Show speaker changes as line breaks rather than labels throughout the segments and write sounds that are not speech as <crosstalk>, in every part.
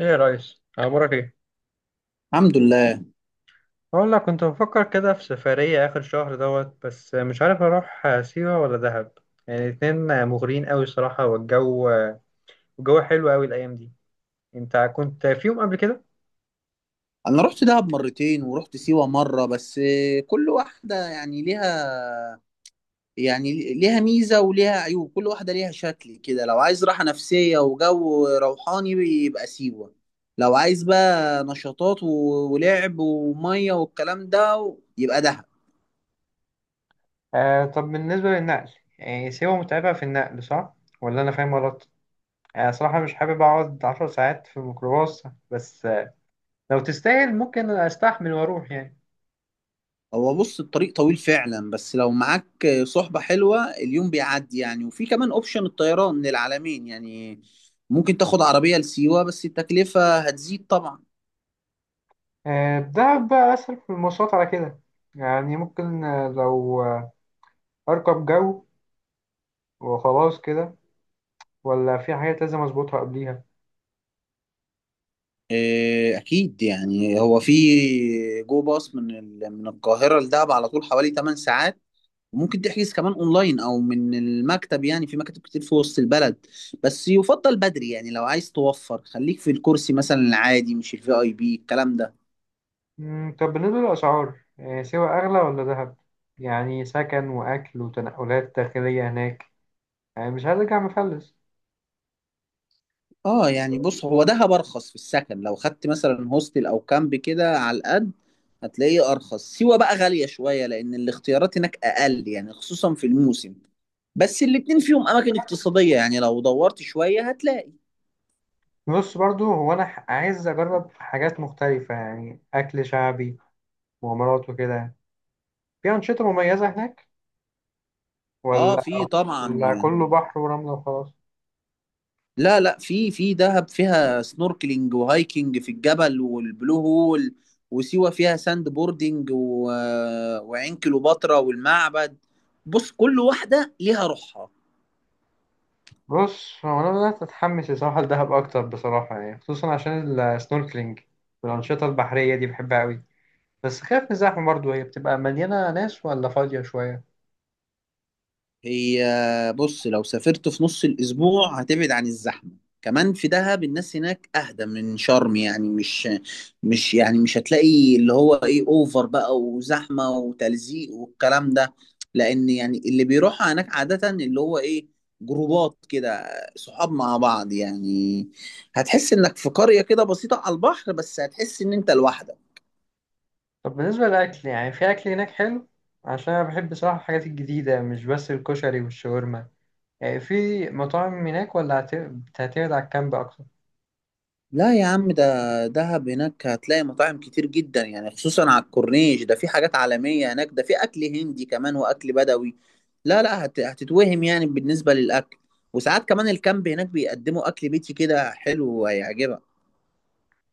ايه يا ريس، اخبارك ايه؟
الحمد لله.
اقول لك، كنت بفكر كده في سفرية اخر شهر دوت، بس مش عارف اروح سيوة ولا دهب. يعني الاتنين مغريين قوي الصراحة. والجو، الجو حلو قوي الايام دي. انت كنت فيهم قبل كده؟
انا رحت دهب مرتين ورحت سيوة مرة بس. كل واحدة يعني ليها ميزة وليها عيوب. كل واحدة ليها شكل كده، لو عايز راحة نفسية وجو روحاني يبقى سيوة. لو عايز بقى نشاطات ولعب ومية والكلام ده يبقى دهب.
آه، طب بالنسبة للنقل، يعني سيوة متعبة في النقل صح؟ ولا أنا فاهم غلط؟ أنا صراحة مش حابب أقعد 10 ساعات في الميكروباص. بس لو تستاهل ممكن أستحمل وأروح يعني.
هو بص، الطريق طويل فعلا، بس لو معاك صحبة حلوة اليوم بيعدي يعني، وفي كمان اوبشن الطيران للعالمين يعني. ممكن تاخد عربية لسيوة بس التكلفة هتزيد طبعا.
آه، دهب بقى أسهل في المواصلات على كده. يعني ممكن، لو أركب جو وخلاص كده، ولا في حاجات لازم أظبطها قبليها؟
إيه، أكيد يعني، هو في جو باص من القاهرة لدهب على طول حوالي 8 ساعات. وممكن تحجز كمان أونلاين أو من المكتب، يعني في مكاتب كتير في وسط البلد. بس يفضل بدري يعني، لو عايز توفر خليك في الكرسي مثلا العادي، مش الفي أي بي الكلام ده.
طب بالنسبة للأسعار، سوا أغلى ولا دهب؟ يعني سكن وأكل وتنقلات داخلية هناك، يعني مش هرجع مفلس.
اه يعني، بص، هو دهب ارخص في السكن. لو خدت مثلا هوستل او كامب كده على القد هتلاقيه ارخص. سيوة بقى غالية شوية لان الاختيارات هناك اقل يعني، خصوصا في الموسم. بس الاتنين فيهم اماكن اقتصادية يعني، لو دورت شوية هتلاقي.
بص برضو، هو أنا عايز أجرب حاجات مختلفة، يعني أكل شعبي، مغامرات وكده. في أنشطة مميزة هناك
اه،
ولا
في طبعا
ولا
يعني.
كله بحر ورملة وخلاص؟
لا لا، في دهب فيها سنوركلينج وهايكنج في الجبل والبلو هول. وسيوة فيها ساند بوردنج وعين كليوباترا والمعبد. بص كل واحدة ليها روحها.
بص، هو أنا بدأت أتحمس الصراحة لدهب أكتر بصراحة، يعني خصوصا عشان السنوركلينج والأنشطة البحرية دي بحبها أوي. بس خايف من الزحمة برضه، هي بتبقى مليانة ناس ولا فاضية شوية؟
هي بص، لو سافرت في نص الأسبوع هتبعد عن الزحمة. كمان في دهب الناس هناك أهدى من شرم يعني. مش هتلاقي اللي هو إيه، أوفر بقى وزحمة وتلزيق والكلام ده، لأن يعني اللي بيروح هناك عادة اللي هو إيه، جروبات كده، صحاب مع بعض يعني. هتحس إنك في قرية كده بسيطة على البحر، بس هتحس إن أنت لوحدك.
طب بالنسبة للأكل، يعني في أكل هناك حلو؟ عشان أنا بحب بصراحة الحاجات الجديدة، مش بس الكشري والشاورما. يعني في مطاعم هناك ولا هتعتمد على الكامب أكتر؟
لا يا عم، ده دهب. هناك هتلاقي مطاعم كتير جدا يعني، خصوصا على الكورنيش ده. في حاجات عالمية هناك، ده في أكل هندي كمان وأكل بدوي. لا لا، هتتوهم يعني بالنسبة للأكل. وساعات كمان الكامب هناك بيقدموا أكل بيتي كده حلو وهيعجبك.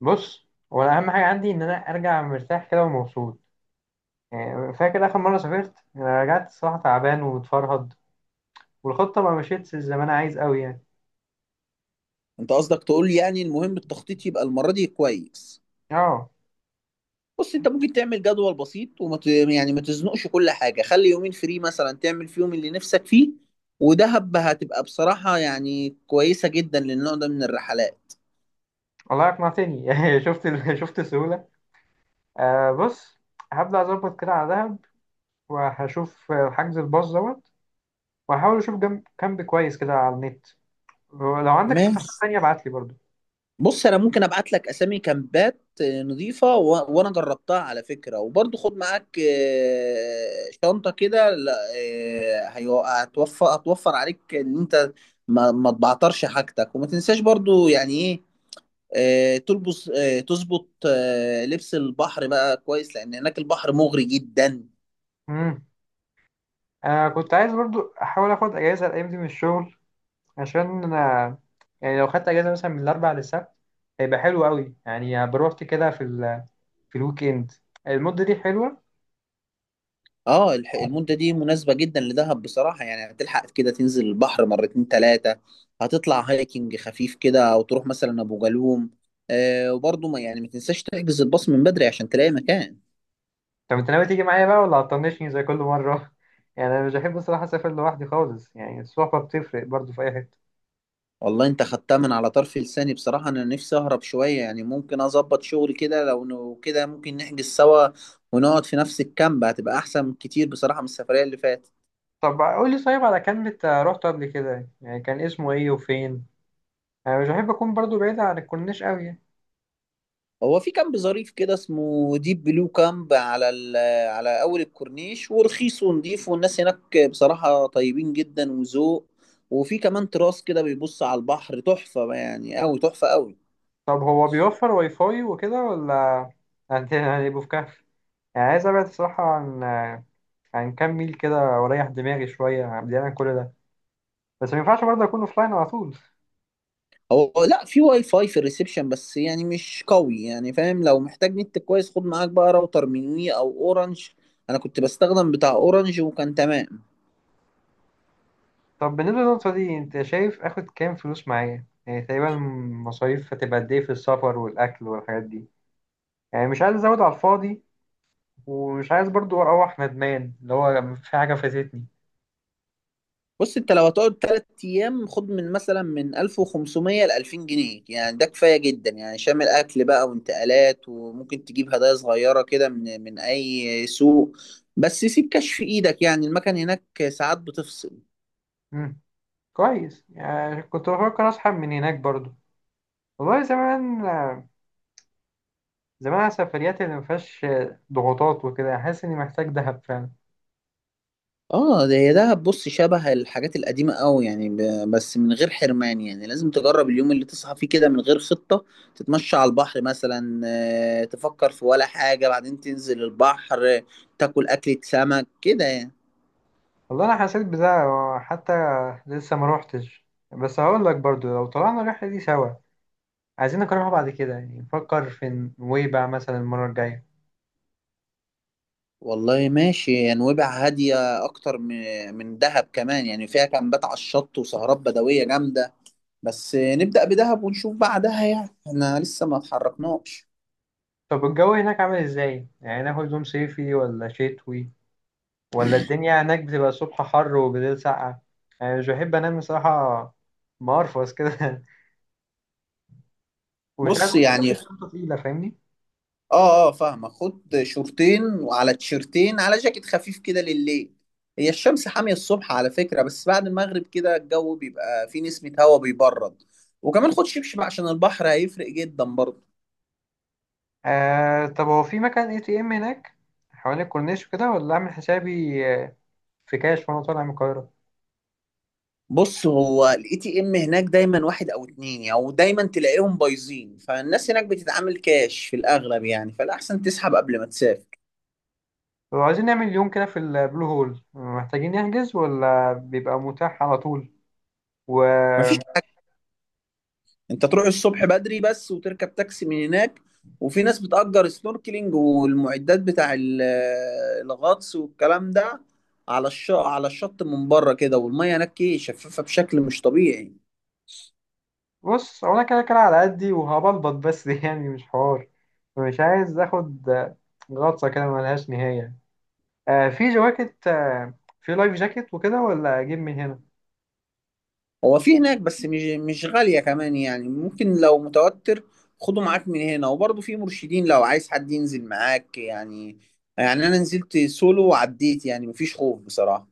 بص، هو أنا أهم حاجة عندي إن أنا أرجع مرتاح كده ومبسوط. يعني فاكر آخر مرة سافرت، أنا رجعت الصراحة تعبان ومتفرهد، والخطة ما مشيتش زي ما أنا عايز أوي يعني.
أنت قصدك تقول لي يعني المهم التخطيط يبقى المرة دي كويس.
أه،
بص أنت ممكن تعمل جدول بسيط يعني ما تزنقش كل حاجة، خلي يومين فري مثلا تعمل فيهم اللي نفسك فيه. ودهب هتبقى بصراحة يعني كويسة جدا للنوع ده من الرحلات.
الله يقنع تاني. <laughs> شفت شفت السهولة. آه بص، هبدأ أظبط كده على دهب، وهشوف حجز الباص دوت، وهحاول اشوف جنب كامب كويس كده على النت. ولو عندك اقتراحات
ماشي.
تانية ابعت لي برضو.
بص انا ممكن ابعت لك اسامي كامبات نظيفه وانا جربتها على فكره. وبرضه خد معاك شنطه كده، لا، هتوفر عليك ان انت ما تبعترش حاجتك، وما تنساش برضه يعني ايه، تلبس، تظبط لبس البحر بقى كويس، لان هناك البحر مغري جدا.
امم كنت عايز برضو احاول اخد اجازة الايام دي من الشغل، عشان انا يعني لو خدت اجازة مثلا من الاربع للسبت، هيبقى حلو قوي، يعني بروحت كده في في الويك اند. المدة دي حلوة.
اه المدة دي مناسبة جدا لدهب بصراحة يعني، هتلحق كده تنزل البحر مرتين تلاتة، هتطلع هايكنج خفيف كده او تروح مثلا ابو جالوم. آه، وبرضه ما تنساش تحجز الباص من بدري عشان تلاقي مكان.
طب انت ناوي تيجي معايا بقى، ولا هتطنشني زي كل مرة؟ <laughs> يعني انا مش بحب الصراحة اسافر لوحدي خالص، يعني الصحبة بتفرق برضو في اي حتة.
والله انت خدتها من على طرف لساني بصراحة. انا نفسي اهرب شوية يعني، ممكن اظبط شغل كده، لو كده ممكن نحجز سوا ونقعد في نفس الكامب. هتبقى احسن كتير بصراحة من السفرية اللي فاتت.
طب قول لي، طيب على كلمة، رحت قبل كده يعني، كان اسمه ايه وفين؟ انا مش بحب اكون برضو بعيد عن الكورنيش قوي يعني.
هو في كامب ظريف كده اسمه ديب بلو كامب على اول الكورنيش، ورخيص ونضيف، والناس هناك بصراحة طيبين جدا وذوق. وفي كمان تراس كده بيبص على البحر، تحفة يعني قوي، تحفة قوي.
طب هو بيوفر واي فاي وكده ولا هنبقوا <laughs> في كهف؟ يعني عايز ابعد الصراحه، عن كام ميل كده، واريح دماغي شويه بعيد عن كل ده. بس ما ينفعش برضه اكون اوفلاين على طول.
هو لا، في واي فاي في الريسبشن بس يعني مش قوي يعني فاهم. لو محتاج نت كويس خد معاك بقى راوتر من وي او اورنج. انا كنت بستخدم بتاع اورنج وكان تمام.
طب بالنسبه للنقطه دي، انت شايف اخد كام فلوس معايا يعني تقريبا؟ مصاريف هتبقى قد ايه في السفر والاكل والحاجات دي؟ يعني مش عايز ازود على الفاضي، ومش عايز برضه اروح ندمان اللي هو في حاجه فاتتني.
بص انت لو هتقعد تلات ايام خد من مثلا من 1500 ل 2000 جنيه يعني، ده كفايه جدا يعني، شامل اكل بقى وانتقالات. وممكن تجيب هدايا صغيره كده من اي سوق. بس سيب كاش في ايدك، يعني المكان هناك ساعات بتفصل.
مم. كويس، يعني كنت بفكر اسحب من هناك برضه. والله زمان، زمان على سفرياتي اللي مفيهاش ضغوطات وكده، يعني حاسس اني محتاج دهب فعلا.
اه، ده هي دهب. بص شبه الحاجات القديمه قوي يعني، بس من غير حرمان. يعني لازم تجرب اليوم اللي تصحى فيه كده من غير خطه، تتمشى على البحر مثلا، تفكر في ولا حاجه، بعدين تنزل البحر، تاكل اكله سمك كده يعني.
والله انا حسيت بده، حتى لسه ما روحتش. بس هقول لك برضو، لو طلعنا الرحله دي سوا، عايزين نكررها بعد كده، يعني نفكر في نويبع مثلا المره الجايه.
والله ماشي، نويبع هادية أكتر من دهب كمان يعني، فيها كامبات على الشط وسهرات بدوية جامدة. بس نبدأ بدهب ونشوف بعدها، يعني احنا لسه ما اتحركناش.
طب الجو هناك عامل ازاي؟ يعني ناخد هدوم صيفي ولا شتوي؟ ولا الدنيا هناك بتبقى الصبح حر وبالليل ساقعه؟ يعني مش بحب انام بصراحه مقرفص كده. <laughs> ومش عايز
بص
برضه يبقى
يعني،
في شنطه تقيله، فاهمني؟
اه اه، فاهمة. خد شورتين وعلى تيشرتين، على جاكيت خفيف كده لليل. هي الشمس حامية الصبح على فكرة، بس بعد المغرب كده الجو بيبقى فيه نسمة هواء بيبرد. وكمان خد شبشب عشان البحر هيفرق جدا برضه.
آه طب، هو في مكان اي تي ام هناك حوالين الكورنيش وكده، ولا اعمل حسابي، في كاش وانا طالع من القاهرة؟
بص، هو الاي تي ام هناك دايما واحد او اتنين او يعني، ودايما تلاقيهم بايظين. فالناس هناك بتتعامل كاش في الاغلب يعني، فالاحسن تسحب قبل ما تسافر.
لو عايزين نعمل يوم كده في البلو هول، محتاجين نحجز ولا بيبقى متاح على طول؟
مفيش حاجه.
وبص،
انت تروح الصبح بدري بس، وتركب تاكسي من هناك. وفي ناس بتأجر سنوركلينج والمعدات بتاع <hesitation> الغطس والكلام ده، على الشط، على الشط من بره كده. والميه هناك ايه، شفافه بشكل مش طبيعي.
هو انا كده كده على قدي وهبلبط بس. <laughs> يعني مش حوار، مش عايز اخد غطسة كده ملهاش نهاية. في جواكت، في لايف جاكيت وكده، ولا اجيب من هنا؟
هو في هناك، بس مش غالية كمان يعني. ممكن لو متوتر خده معاك من هنا. وبرضه في مرشدين لو عايز حد ينزل معاك يعني. يعني أنا نزلت سولو وعديت، يعني مفيش خوف بصراحة.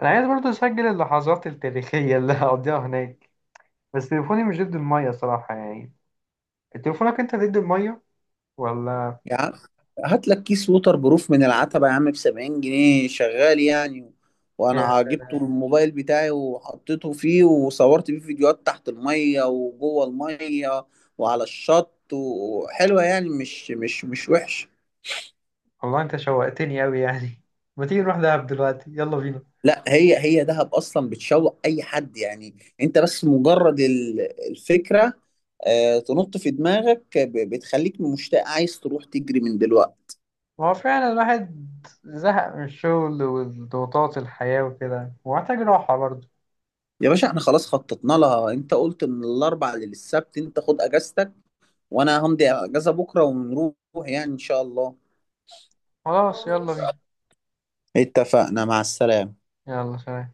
انا عايز برضه اسجل اللحظات التاريخية اللي هقضيها هناك، بس تليفوني مش ضد المية صراحة يعني. تليفونك انت ضد المية ولا؟
يعني هات لك كيس ووتر بروف من العتبة يا عم، ب 70 جنيه شغال يعني.
يا
وأنا جبته
سلام.
الموبايل بتاعي وحطيته فيه، وصورت بيه فيديوهات تحت المية وجوه المية وعلى الشط، وحلوة يعني، مش وحش.
والله انت شوقتني اوي يعني. <laughs> ما تيجي نروح دهب دلوقتي، يلا بينا.
لا، هي دهب اصلا بتشوق اي حد يعني. انت بس مجرد الفكره تنط في دماغك، بتخليك مشتاق عايز تروح تجري من دلوقتي.
هو فعلا الواحد زهق من الشغل والضغوطات الحياة وكده، ومحتاج راحة برضه.
يا باشا، احنا خلاص خططنا لها. انت قلت من الاربع للسبت، انت خد اجازتك وانا همضي اجازه بكره ونروح، يعني ان شاء الله.
خلاص، يلا بينا.
اتفقنا، مع السلامه.
يلا سلام.